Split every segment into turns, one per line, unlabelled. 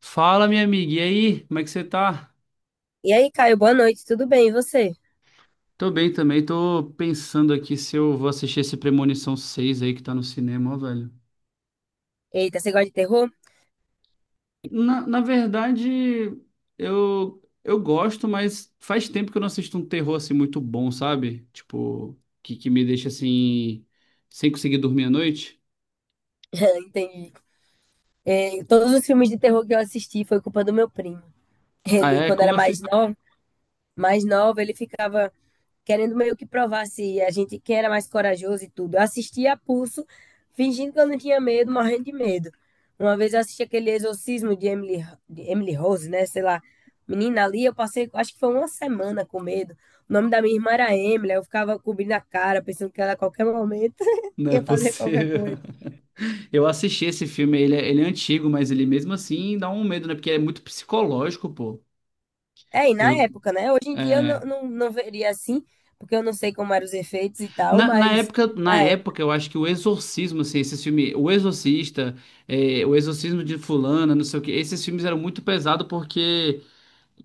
Fala, minha amiga, e aí? Como é que você tá?
E aí, Caio, boa noite, tudo bem? E você?
Tô bem também, tô pensando aqui se eu vou assistir esse Premonição 6 aí que tá no cinema, ó, velho.
Eita, você gosta de terror?
Na verdade, eu gosto, mas faz tempo que eu não assisto um terror assim muito bom, sabe? Tipo, que me deixa assim, sem conseguir dormir à noite.
Entendi. É, todos os filmes de terror que eu assisti foi culpa do meu primo.
Ah,
Ele,
é?
quando
Como
era
assim?
mais novo, ele ficava querendo meio que provar se a gente quem era mais corajoso e tudo. Eu assistia a pulso, fingindo que eu não tinha medo, morrendo de medo. Uma vez eu assisti aquele exorcismo de Emily Rose, né? Sei lá, menina ali, eu passei, acho que foi uma semana com medo. O nome da minha irmã era Emily, eu ficava cobrindo a cara, pensando que ela a qualquer momento
Não é
ia fazer qualquer
possível.
coisa.
Eu assisti esse filme, ele é antigo, mas ele mesmo assim dá um medo, né? Porque é muito psicológico, pô.
É, e na
Eu,
época, né? Hoje em dia eu não,
é.
não, não veria assim, porque eu não sei como eram os efeitos e tal.
Na
Mas
época, na
na
época, eu acho que o Exorcismo, assim, esses filmes, O Exorcista, é, O Exorcismo de Fulana, não sei o quê, esses filmes eram muito pesados porque,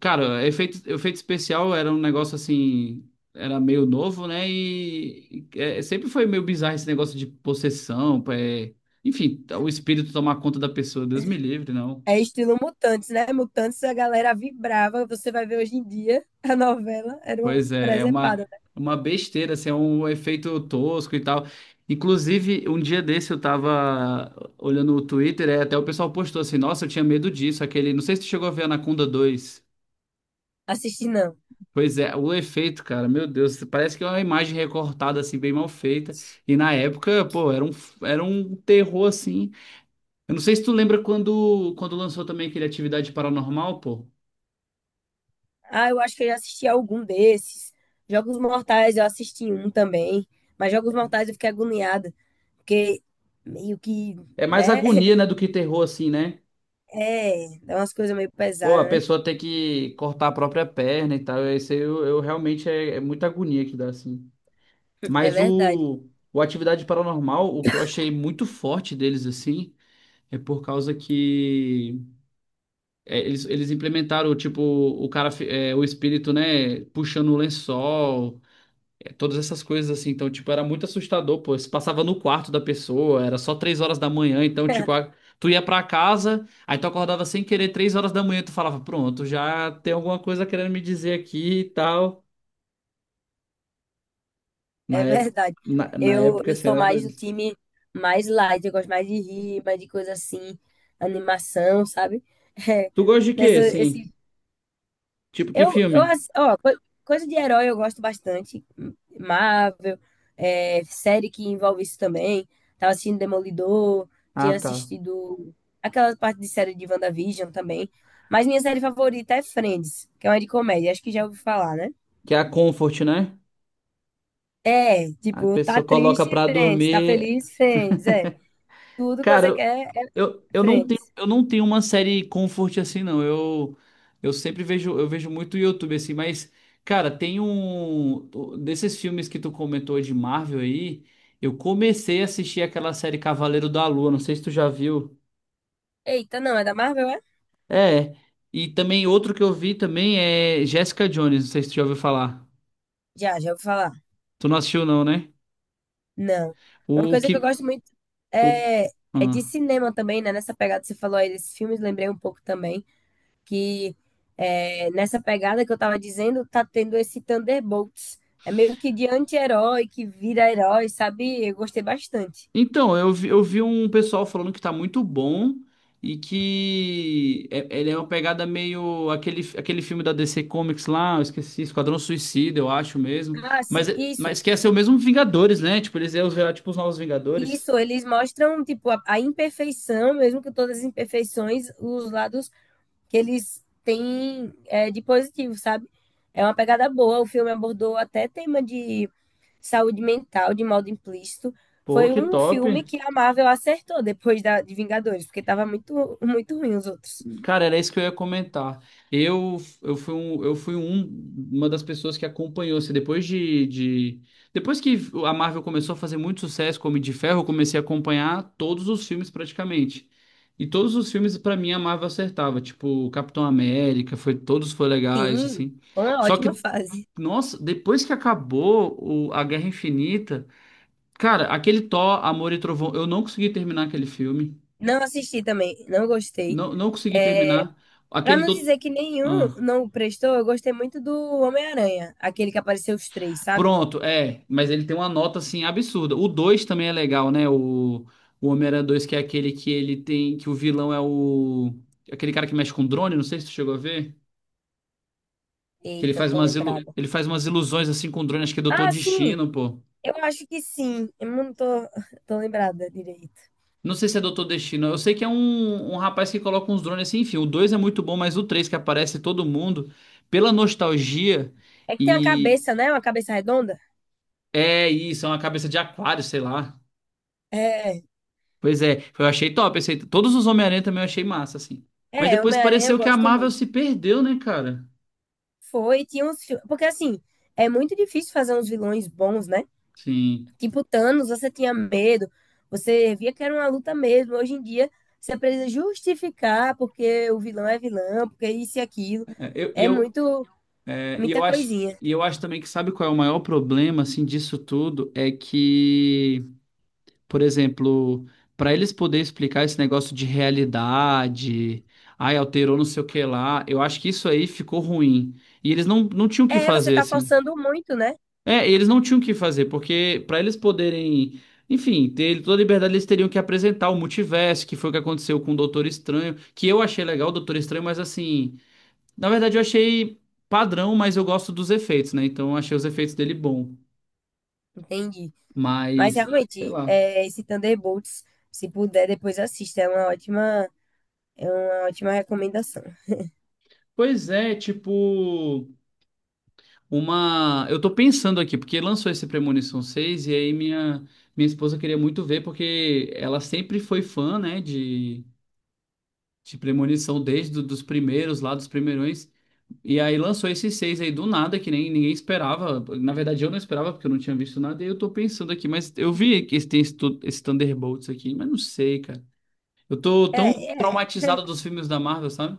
cara, efeito, efeito especial era um negócio assim, era meio novo, né? E é, sempre foi meio bizarro esse negócio de possessão, é, enfim, o espírito tomar conta da pessoa, Deus me livre, não.
É estilo Mutantes, né? Mutantes a galera vibrava. Você vai ver hoje em dia a novela era uma
Pois é, é
presepada, né?
uma besteira, assim, é um efeito tosco e tal. Inclusive, um dia desse eu tava olhando o Twitter, é, até o pessoal postou assim, nossa, eu tinha medo disso, aquele, não sei se tu chegou a ver Anaconda dois.
Assisti não.
Pois é, o efeito, cara, meu Deus, parece que é uma imagem recortada, assim, bem mal feita. E na época, pô, era um terror, assim. Eu não sei se tu lembra quando lançou também aquele Atividade Paranormal, pô.
Ah, eu acho que eu já assisti algum desses. Jogos Mortais eu assisti um também. Mas Jogos Mortais eu fiquei agoniada. Porque meio que,
É mais
né?
agonia, né, do que terror, assim, né?
É, é umas coisas meio
Pô, a
pesadas, né?
pessoa tem que cortar a própria perna e tal. Isso aí eu realmente é, é muita agonia que dá, assim.
É
Mas
verdade.
o Atividade Paranormal, o que eu achei muito forte deles, assim, é por causa que é, eles implementaram, tipo, o cara, é, o espírito, né, puxando o lençol. Todas essas coisas assim, então, tipo, era muito assustador, pô. Você passava no quarto da pessoa, era só três horas da manhã, então, tipo, tu ia pra casa, aí tu acordava sem querer três horas da manhã, tu falava, pronto, já tem alguma coisa querendo me dizer aqui e tal. Na
É
época,
verdade.
na
Eu,
época,
eu
assim,
sou
era
mais do
doido.
time mais light. Eu gosto mais de rir, mais de coisa assim. Animação, sabe? É,
Tu gosta de quê,
nessa,
assim?
esse
Tipo, que
Eu
filme?
ass- ó, coisa de herói eu gosto bastante. Marvel, é, série que envolve isso também. Tava assistindo Demolidor,
Ah,
tinha
tá.
assistido aquela parte de série de WandaVision também. Mas minha série favorita é Friends, que é uma de comédia. Acho que já ouvi falar, né?
Que é a Comfort, né?
É,
A
tipo, tá
pessoa coloca
triste,
pra
Friends. Tá
dormir.
feliz, Friends. É. Tudo que
Cara,
você
eu,
quer é
eu, eu não tenho,
Friends.
eu não tenho uma série comfort assim, não. Eu sempre vejo, eu vejo muito YouTube assim, mas, cara, tem um. Desses filmes que tu comentou de Marvel aí, eu comecei a assistir aquela série Cavaleiro da Lua, não sei se tu já viu.
Eita, não, é da Marvel, é?
É. E também outro que eu vi também é Jessica Jones, não sei se tu já ouviu falar.
Já, já ouvi falar.
Tu não assistiu, não, né?
Não. É uma
O
coisa que eu
que.
gosto muito
O,
é, é de
ah.
cinema também, né? Nessa pegada que você falou aí desses filmes, lembrei um pouco também que é, nessa pegada que eu tava dizendo, tá tendo esse Thunderbolts. É meio que de anti-herói que vira herói, sabe? Eu gostei bastante.
Então, eu vi um pessoal falando que tá muito bom e que ele é uma pegada meio aquele, aquele filme da DC Comics lá, eu esqueci, Esquadrão Suicida, eu acho mesmo.
Ah,
Mas,
sim, isso.
mas que ia ser o mesmo Vingadores, né? Tipo, eles iam virar tipo os novos Vingadores.
Isso, eles mostram, tipo, a imperfeição, mesmo que todas as imperfeições, os lados que eles têm é, de positivo, sabe? É uma pegada boa. O filme abordou até tema de saúde mental de modo implícito.
Pô,
Foi
que
um
top.
filme que a Marvel acertou depois de Vingadores, porque tava muito, muito ruim os outros.
Cara, era isso que eu ia comentar. Eu, eu fui, um, eu fui um- uma das pessoas que acompanhou. Assim, depois que a Marvel começou a fazer muito sucesso com o Homem de Ferro, eu comecei a acompanhar todos os filmes praticamente. E todos os filmes, pra mim, a Marvel acertava. Tipo, Capitão América, foi, todos foram legais,
Sim,
assim.
foi uma
Só
ótima
que,
fase.
nossa, depois que acabou a Guerra Infinita, cara, aquele Thor, Amor e Trovão, eu não consegui terminar aquele filme.
Não assisti também, não gostei.
Não, não consegui
É,
terminar.
para
Aquele
não
do...
dizer que nenhum
ah.
não prestou, eu gostei muito do Homem-Aranha, aquele que apareceu os três, sabe?
Pronto, é, mas ele tem uma nota assim absurda. O 2 também é legal, né? O Homem-Aranha 2, que é aquele que ele tem, que o vilão é o aquele cara que mexe com drone, não sei se tu chegou a ver, que ele
Eita, não
faz
tô
umas ilu...
lembrada.
ele faz umas ilusões assim com drone, acho que é Doutor
Ah, sim,
Destino, pô.
eu acho que sim. Eu não tô, tô lembrada direito.
Não sei se é Doutor Destino. Eu sei que é um rapaz que coloca uns drones assim, enfim. O 2 é muito bom, mas o 3 que aparece todo mundo pela nostalgia
É que tem a
e
cabeça, né? Uma cabeça redonda.
é isso, é uma cabeça de aquário, sei lá.
É.
Pois é, eu achei top, esse aí. Todos os Homem-Aranha também eu achei massa, assim. Mas
É,
depois
Homem-Aranha eu
pareceu que a
gosto
Marvel
muito.
se perdeu, né, cara?
Foi, tinha uns filmes. Porque assim, é muito difícil fazer uns vilões bons, né?
Sim.
Tipo Thanos, você tinha medo, você via que era uma luta mesmo. Hoje em dia, você precisa justificar porque o vilão é vilão, porque isso e aquilo.
É, eu, e
É
eu,
muito,
é, e
muita
eu acho,
coisinha.
E eu acho também que sabe qual é o maior problema, assim, disso tudo? É que, por exemplo, para eles poderem explicar esse negócio de realidade, ai, alterou não sei o que lá, eu acho que isso aí ficou ruim. E eles não, não tinham o que
É, você
fazer,
tá
assim.
forçando muito, né?
É, e eles não tinham o que fazer, porque para eles poderem, enfim, ter toda a liberdade, eles teriam que apresentar o multiverso, que foi o que aconteceu com o Doutor Estranho, que eu achei legal o Doutor Estranho, mas assim, na verdade eu achei padrão, mas eu gosto dos efeitos, né? Então eu achei os efeitos dele bom,
Entendi. Mas
mas sei
realmente,
lá.
é, esse Thunderbolts, se puder, depois assista. É uma ótima recomendação.
Pois é, tipo, uma, eu tô pensando aqui, porque lançou esse Premonição 6 e aí minha esposa queria muito ver porque ela sempre foi fã, né, de premonição desde do, dos primeiros lá, dos primeirões. E aí lançou esses seis aí do nada, que nem ninguém esperava. Na verdade, eu não esperava, porque eu não tinha visto nada. E eu tô pensando aqui, mas eu vi que tem esse, esse Thunderbolts aqui, mas não sei, cara. Eu tô tão
É, é,
traumatizado dos filmes da Marvel, sabe?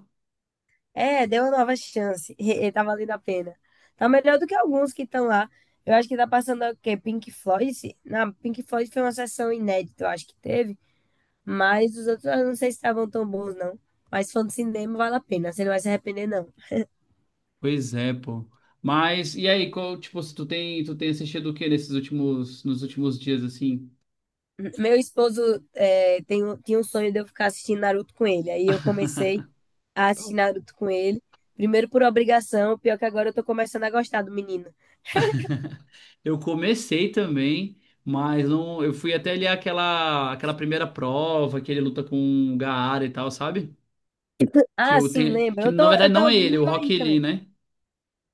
é, deu uma nova chance. E tá valendo a pena. Tá melhor do que alguns que estão lá. Eu acho que tá passando o quê? Pink Floyd? Na Pink Floyd foi uma sessão inédita, eu acho que teve. Mas os outros eu não sei se estavam tão bons, não. Mas fã de cinema vale a pena, você não vai se arrepender, não.
Pois é, pô. Mas, e aí, qual, tipo, se tu tem assistido o que nesses últimos, nos últimos dias, assim?
Meu esposo tinha um sonho de eu ficar assistindo Naruto com ele. Aí eu comecei a assistir Naruto com ele. Primeiro por obrigação, pior que agora eu tô começando a gostar do menino.
Eu comecei também, mas não, eu fui até ali aquela primeira prova que ele luta com o Gaara e tal, sabe? Que
Ah,
eu
sim,
tenho,
lembra?
que
Eu
na
tô,
verdade
eu
não
tô
é ele, é o
meio aí
Rock Lee,
também.
né?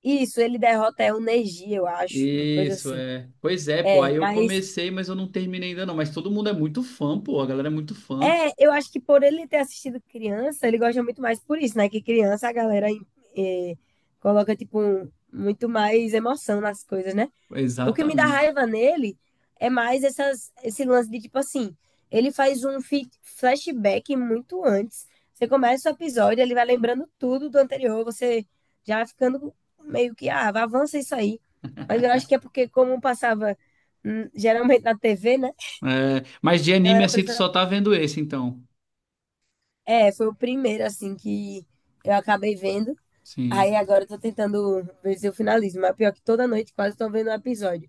Isso, ele derrota é o Neji, eu acho, uma coisa
Isso
assim.
é. Pois é, pô,
É,
aí eu
mas
comecei, mas eu não terminei ainda não, mas todo mundo é muito fã, pô, a galera é muito fã.
é, eu acho que por ele ter assistido criança, ele gosta muito mais por isso, né? Que criança a galera é, coloca tipo muito mais emoção nas coisas, né? O que me dá
Exatamente.
raiva nele é mais esse lance de tipo assim, ele faz um flashback muito antes. Você começa o episódio, ele vai lembrando tudo do anterior, você já vai ficando meio que, ah, vai, avança isso aí. Mas eu acho que é porque, como passava geralmente na TV, né?
É, mas de
A
anime
galera
assim tu só
precisava.
tá vendo esse então.
É, foi o primeiro, assim, que eu acabei vendo.
Sim.
Aí agora eu tô tentando ver se eu finalizo. Mas pior que toda noite quase tô vendo um episódio.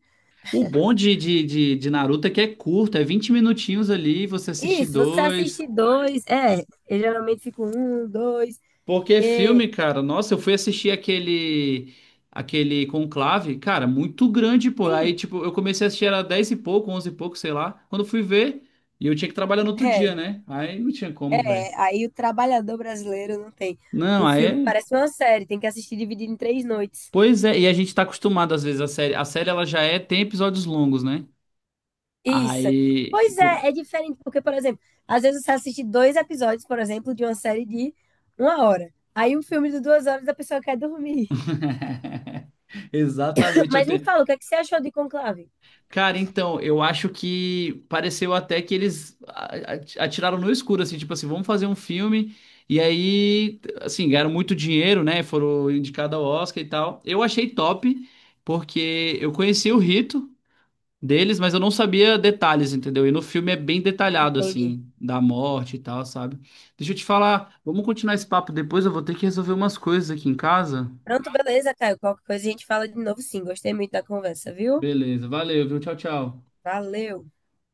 O bom de Naruto é que é curto, é 20 minutinhos ali, você assiste
Isso, você
dois.
assiste dois. É, eu geralmente fico um, dois,
Porque filme,
porque
cara, nossa, eu fui assistir aquele Conclave, cara, muito grande, pô. Aí,
sim,
tipo, eu comecei a assistir era 10 e pouco, 11 e pouco, sei lá. Quando eu fui ver, e eu tinha que trabalhar no outro
é,
dia, né? Aí não tinha como, velho.
é. Aí o trabalhador brasileiro não tem.
Não,
O filme parece uma série, tem que assistir dividido em 3 noites.
pois é, e a gente tá acostumado às vezes a série ela já é tem episódios longos, né?
Isso.
Aí
Pois
co-
é, é diferente, porque, por exemplo, às vezes você assiste dois episódios, por exemplo, de uma série de uma hora. Aí um filme de 2 horas a pessoa quer dormir.
Exatamente, eu
Mas me
tenho,
fala, o que é que você achou de Conclave?
cara, então, eu acho que pareceu até que eles atiraram no escuro, assim, tipo assim, vamos fazer um filme. E aí, assim, ganharam muito dinheiro, né? Foram indicados ao Oscar e tal. Eu achei top, porque eu conheci o rito deles, mas eu não sabia detalhes, entendeu? E no filme é bem detalhado,
Entendi.
assim, da morte e tal, sabe? Deixa eu te falar, vamos continuar esse papo depois, eu vou ter que resolver umas coisas aqui em casa.
Pronto, beleza, Caio. Qualquer coisa a gente fala de novo, sim. Gostei muito da conversa, viu?
Beleza, valeu, viu? Tchau, tchau.
Valeu.